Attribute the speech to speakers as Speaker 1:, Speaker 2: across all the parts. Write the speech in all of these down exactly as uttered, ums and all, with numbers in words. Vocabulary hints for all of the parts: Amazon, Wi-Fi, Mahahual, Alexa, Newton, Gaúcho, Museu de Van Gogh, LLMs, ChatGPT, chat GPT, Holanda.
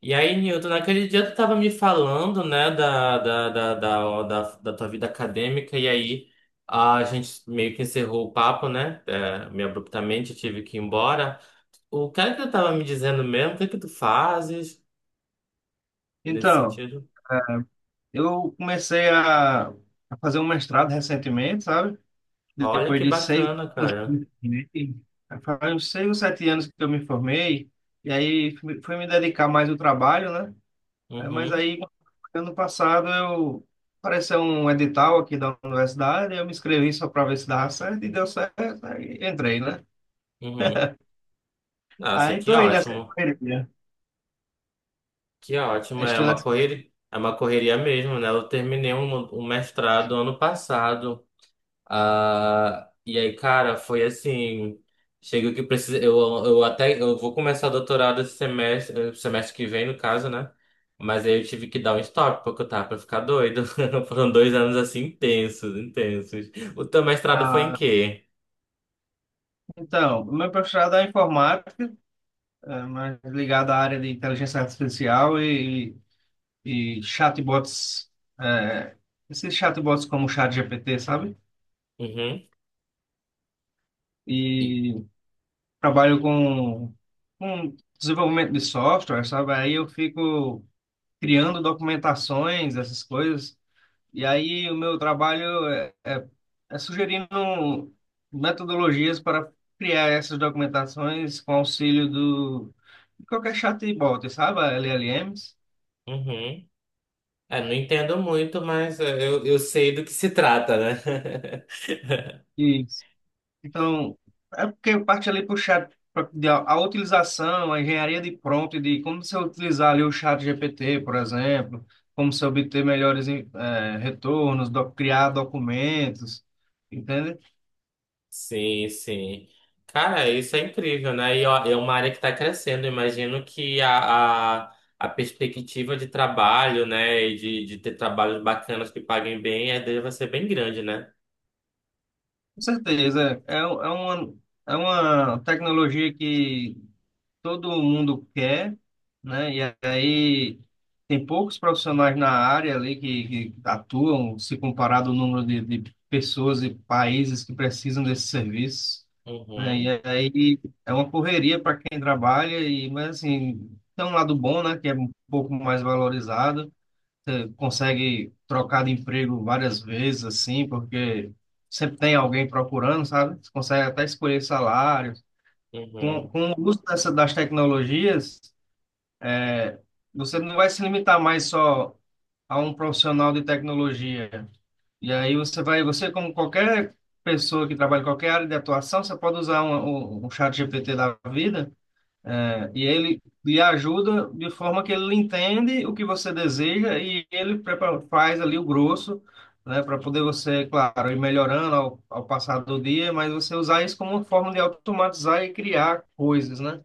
Speaker 1: E aí, Newton, naquele dia tu tava me falando, né, da, da, da, da, da, da tua vida acadêmica, e aí a gente meio que encerrou o papo, né? É, meio abruptamente, eu tive que ir embora. O que é que tu tava me dizendo mesmo? O que é que tu fazes nesse
Speaker 2: Então,
Speaker 1: sentido?
Speaker 2: eu comecei a, a fazer um mestrado recentemente, sabe?
Speaker 1: Olha
Speaker 2: Depois
Speaker 1: que
Speaker 2: de seis
Speaker 1: bacana,
Speaker 2: anos,
Speaker 1: cara.
Speaker 2: né? Faz uns seis ou sete anos que eu me formei, e aí fui fui me dedicar mais ao trabalho, né? Eh, Mas
Speaker 1: Uhum,
Speaker 2: aí, ano passado, eu apareceu um edital aqui da universidade, eu me inscrevi só para ver se dava certo, e deu certo, aí entrei, né?
Speaker 1: uhum. Nossa,
Speaker 2: Aí
Speaker 1: que
Speaker 2: estou aí nessa
Speaker 1: ótimo.
Speaker 2: correria.
Speaker 1: Que ótimo. É
Speaker 2: Estou
Speaker 1: uma
Speaker 2: nessa...
Speaker 1: correria, é uma correria mesmo, né? Eu terminei um, um mestrado ano passado. Ah, e aí, cara, foi assim. Chega que precisa. Eu, eu até eu vou começar o doutorado esse semestre, eh, semestre que vem, no caso, né? Mas aí eu tive que dar um stop, porque eu tava pra ficar doido. Foram dois anos assim intensos, intensos. O teu mestrado foi em
Speaker 2: Ah,
Speaker 1: quê?
Speaker 2: então, meu mestrado é informática, é, mais ligado à área de inteligência artificial e, e chatbots, é, esses chatbots como o ChatGPT, sabe?
Speaker 1: Uhum. E-
Speaker 2: E trabalho com, com desenvolvimento de software, sabe? Aí eu fico criando documentações, essas coisas. E aí o meu trabalho é, é, é sugerindo metodologias para criar essas documentações com auxílio do de qualquer chatbot, sabe? L L Ms.
Speaker 1: uhum. É, não entendo muito, mas eh, eu, eu sei do que se trata, né?
Speaker 2: E Então, é porque eu parti ali para o chat, pra, de, a, a utilização, a engenharia de prompt, de como você utilizar ali o chat G P T, por exemplo, como você obter melhores eh, retornos, do- criar documentos, entende?
Speaker 1: Sim, sim. Cara, isso é incrível, né? E ó, é uma área que está crescendo. Imagino que a, a, a perspectiva de trabalho, né, e de, de ter trabalhos bacanas que paguem bem, a ideia vai ser bem grande, né?
Speaker 2: Com certeza, é, é uma, é uma tecnologia que todo mundo quer, né? E aí tem poucos profissionais na área ali que, que atuam, se comparado ao número de, de pessoas e países que precisam desse serviço, né? E
Speaker 1: Uhum,
Speaker 2: aí é uma correria para quem trabalha, e, mas assim, tem um lado bom, né? Que é um pouco mais valorizado, você consegue trocar de emprego várias vezes, assim, porque sempre tem alguém procurando, sabe? Você consegue até escolher salário, com,
Speaker 1: uhum.
Speaker 2: com o uso dessa, das tecnologias, é, você não vai se limitar mais só a um profissional de tecnologia. E aí você vai, você como qualquer pessoa que trabalha em qualquer área de atuação, você pode usar um, um, um chat G P T da vida, é, e ele lhe ajuda de forma que ele entende o que você deseja e ele prepara, faz ali o grosso, né, para poder você, claro, ir melhorando ao, ao passar do dia, mas você usar isso como uma forma de automatizar e criar coisas, né?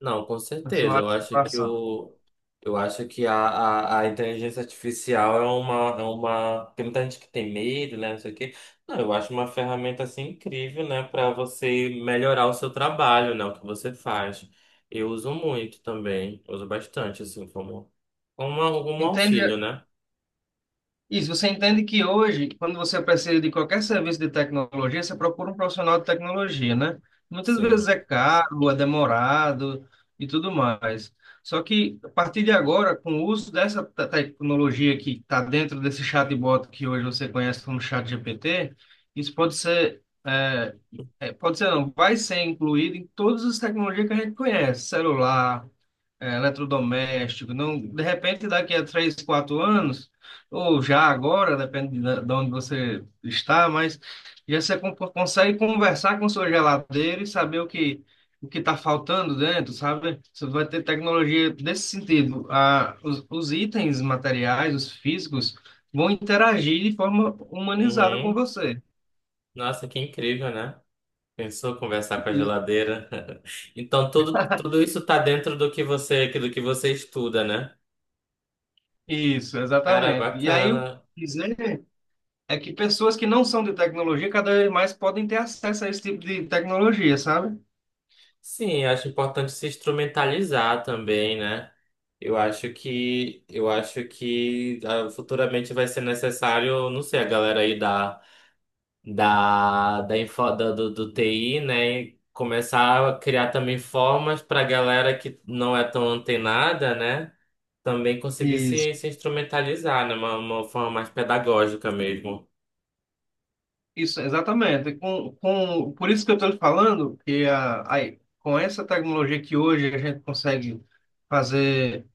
Speaker 1: Não, com
Speaker 2: Na sua
Speaker 1: certeza. Eu
Speaker 2: área de
Speaker 1: acho que
Speaker 2: atuação.
Speaker 1: o, eu acho que a, a, a inteligência artificial é uma, é uma. Tem muita gente que tem medo, né? Não sei o quê. Não, eu acho uma ferramenta assim incrível, né? Para você melhorar o seu trabalho, né? O que você faz. Eu uso muito também. Uso bastante, assim, como, como algum auxílio,
Speaker 2: Entende
Speaker 1: né?
Speaker 2: isso? Você entende que hoje, quando você precisa de qualquer serviço de tecnologia, você procura um profissional de tecnologia, né? Muitas
Speaker 1: Sim.
Speaker 2: vezes é caro, é demorado e tudo mais. Só que, a partir de agora, com o uso dessa te- tecnologia que está dentro desse chatbot que hoje você conhece como ChatGPT, isso pode ser, é, é, pode ser não, vai ser incluído em todas as tecnologias que a gente conhece, celular, é, eletrodoméstico, não, de repente daqui a três, quatro anos, ou já agora, depende da- de onde você está, mas já você con- consegue conversar com sua geladeira e saber o que o que está faltando dentro, sabe? Você vai ter tecnologia desse sentido. A, os, os itens materiais, os físicos, vão interagir de forma humanizada com
Speaker 1: Uhum.
Speaker 2: você.
Speaker 1: Nossa, que incrível, né? Pensou conversar com a
Speaker 2: Isso,
Speaker 1: geladeira? Então, tudo, tudo isso tá dentro do que você, do que você estuda, né?
Speaker 2: Isso,
Speaker 1: Cara,
Speaker 2: exatamente. E aí o
Speaker 1: bacana.
Speaker 2: que dizer é que pessoas que não são de tecnologia cada vez mais podem ter acesso a esse tipo de tecnologia, sabe?
Speaker 1: Sim, acho importante se instrumentalizar também, né? Eu acho que eu acho que ah, futuramente vai ser necessário, não sei, a galera aí da da da, info, da- do, do T I, né, começar a criar também formas para a galera que não é tão antenada, né, também conseguir
Speaker 2: Isso.
Speaker 1: se, se instrumentalizar, né, uma, uma forma mais pedagógica mesmo.
Speaker 2: Isso, exatamente. Com, com, por isso que eu estou falando que a, a, com essa tecnologia que hoje a gente consegue fazer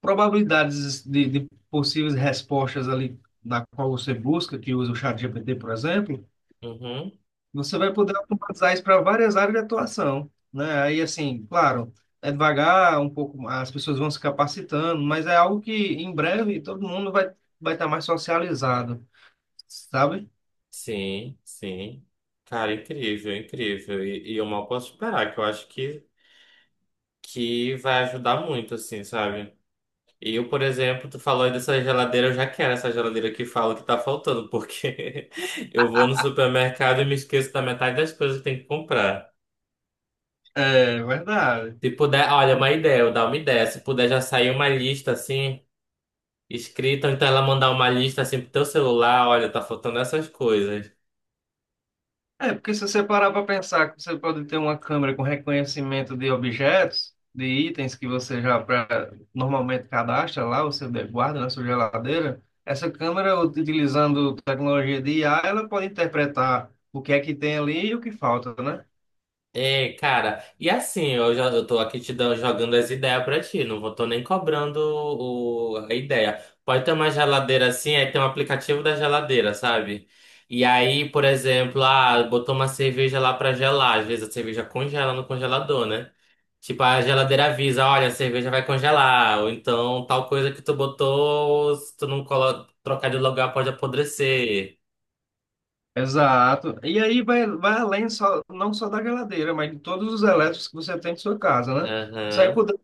Speaker 2: probabilidades de, de possíveis respostas ali na qual você busca, que usa o ChatGPT, por exemplo.
Speaker 1: Uhum.
Speaker 2: Você vai poder automatizar isso para várias áreas de atuação, né? Aí, assim, claro, é devagar, um pouco, as pessoas vão se capacitando, mas é algo que em breve todo mundo vai vai estar mais socializado, sabe?
Speaker 1: Sim, sim. Cara, incrível, incrível. E, e eu mal posso esperar, que eu acho que, que vai ajudar muito, assim, sabe? E eu, por exemplo, tu falou aí dessa geladeira, eu já quero essa geladeira que fala que tá faltando, porque eu vou no supermercado e me esqueço da metade das coisas que tem que comprar.
Speaker 2: É verdade.
Speaker 1: Se puder, olha, uma ideia, eu dar uma ideia. Se puder já sair uma lista, assim, escrita, ou então ela mandar uma lista, assim, pro teu celular, olha, tá faltando essas coisas.
Speaker 2: É, porque se você parar para pensar que você pode ter uma câmera com reconhecimento de objetos, de itens que você já pré- normalmente cadastra lá, você guarda na sua geladeira, essa câmera, utilizando tecnologia de I A, ela pode interpretar o que é que tem ali e o que falta, né?
Speaker 1: É, cara, e assim, eu já eu tô aqui te dando, jogando as ideias pra ti, não vou, tô nem cobrando o, a ideia. Pode ter uma geladeira assim, aí tem um aplicativo da geladeira, sabe? E aí, por exemplo, ah, botou uma cerveja lá pra gelar, às vezes a cerveja congela no congelador, né? Tipo, a geladeira avisa, olha, a cerveja vai congelar, ou então tal coisa que tu botou, se tu não colo trocar de lugar pode apodrecer.
Speaker 2: Exato. E aí vai, vai além só, não só da geladeira, mas de todos os elétricos que você tem em sua casa, né? Você vai
Speaker 1: Aham,
Speaker 2: poder...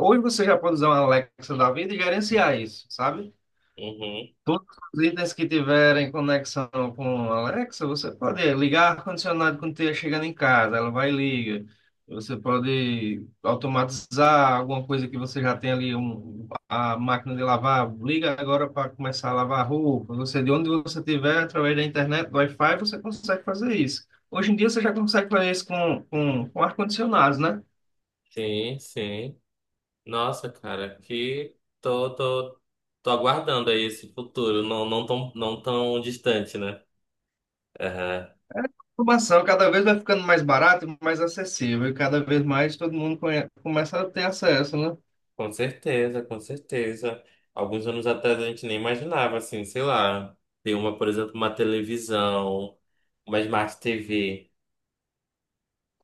Speaker 2: Hoje você já pode usar uma Alexa da vida e gerenciar isso, sabe?
Speaker 1: uhum,
Speaker 2: Todos os itens que tiverem conexão com a Alexa, você pode ligar ar-condicionado quando estiver chegando em casa, ela vai e liga. Você pode automatizar alguma coisa que você já tem ali, um, a máquina de lavar, liga agora para começar a lavar roupa. Você, de onde você estiver, através da internet, do Wi-Fi, você consegue fazer isso. Hoje em dia você já consegue fazer isso com, com, com ar-condicionados, né?
Speaker 1: sim, sim. Nossa, cara, que tô, tô, tô aguardando aí esse futuro, não, não tão, não tão distante, né? Aham.
Speaker 2: Informação cada vez vai ficando mais barato e mais acessível, e cada vez mais todo mundo conhe- começa a ter acesso, né?
Speaker 1: Com certeza, com certeza. Alguns anos atrás a gente nem imaginava, assim, sei lá, ter uma, por exemplo, uma televisão, uma Smart T V.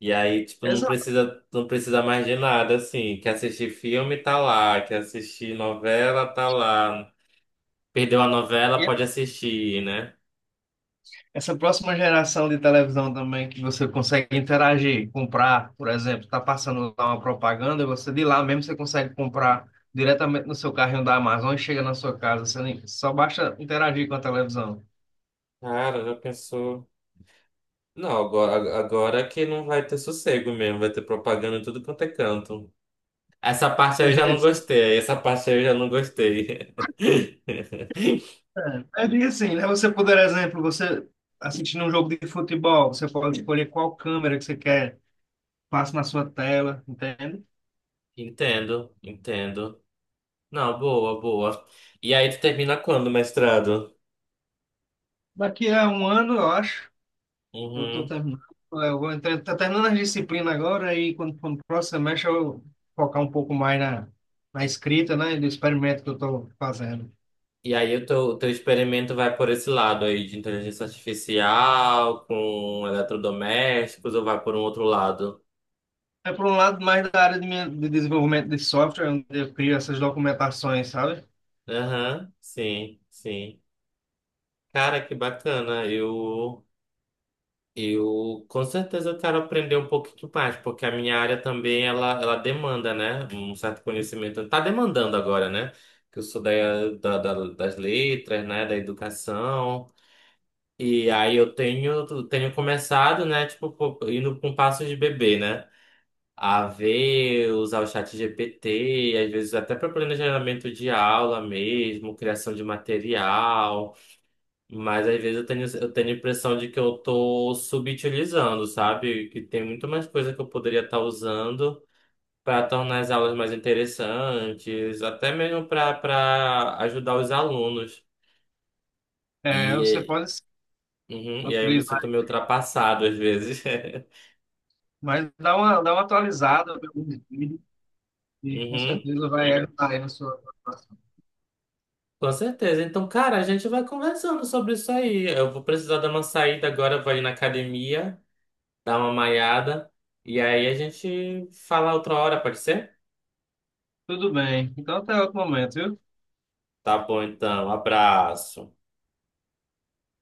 Speaker 1: E aí, tipo, não precisa, não precisa mais de nada, assim. Quer assistir filme, tá lá. Quer assistir novela, tá lá. Perdeu a
Speaker 2: E
Speaker 1: novela, pode assistir, né?
Speaker 2: essa próxima geração de televisão também, que você consegue interagir, comprar, por exemplo, está passando lá uma propaganda, você de lá mesmo você consegue comprar diretamente no seu carrinho da Amazon e chega na sua casa, você nem- só basta interagir com a televisão.
Speaker 1: Cara, já pensou? Não, agora, agora que não vai ter sossego mesmo, vai ter propaganda em tudo quanto é canto. Essa parte aí eu já não gostei, essa parte aí eu já não gostei.
Speaker 2: É, é bem assim, né? Você, por exemplo, você assistindo um jogo de futebol, você pode escolher qual câmera que você quer, passa na sua tela, entende?
Speaker 1: Entendo, entendo. Não, boa, boa. E aí tu termina quando, mestrado?
Speaker 2: Daqui a um ano, eu acho. Eu tô
Speaker 1: Uhum.
Speaker 2: terminando, eu vou entrar, tá terminando as disciplinas agora e quando for no próximo semestre eu focar um pouco mais na, na escrita, né, do experimento que eu estou fazendo.
Speaker 1: E aí o teu, o teu experimento vai por esse lado aí de inteligência artificial, com eletrodomésticos, ou vai por um outro lado?
Speaker 2: É por um lado mais da área de, minha, de desenvolvimento de software, onde eu crio essas documentações, sabe?
Speaker 1: Aham, sim, sim. Cara, que bacana. Eu Eu com certeza eu quero aprender um pouquinho mais, porque a minha área também ela, ela demanda, né? Um certo conhecimento. Tá demandando agora, né? Que eu sou da, da- da- das letras, né? Da educação. E aí eu tenho, tenho começado, né? Tipo, pô, indo com passos de bebê, né? A ver, usar o chat G P T, às vezes até para planejamento de aula mesmo, criação de material. Mas às vezes eu tenho, eu tenho a impressão de que eu tô subutilizando, sabe? Que tem muito mais coisa que eu poderia estar usando para tornar as aulas mais interessantes, até mesmo para para ajudar os alunos.
Speaker 2: É, você
Speaker 1: E,
Speaker 2: pode sim,
Speaker 1: eh, uhum, e aí eu me
Speaker 2: utilizar,
Speaker 1: sinto meio ultrapassado às vezes.
Speaker 2: mas dá uma, dá uma atualizada, ver alguns vídeos e com
Speaker 1: Uhum,
Speaker 2: certeza vai ajudar aí na sua preparação.
Speaker 1: com certeza. Então, cara, a gente vai conversando sobre isso aí. Eu vou precisar dar uma saída agora, eu vou ir na academia, dar uma malhada, e aí a gente fala outra hora, pode ser?
Speaker 2: Tudo bem, então até outro momento, viu?
Speaker 1: Tá bom, então. Abraço.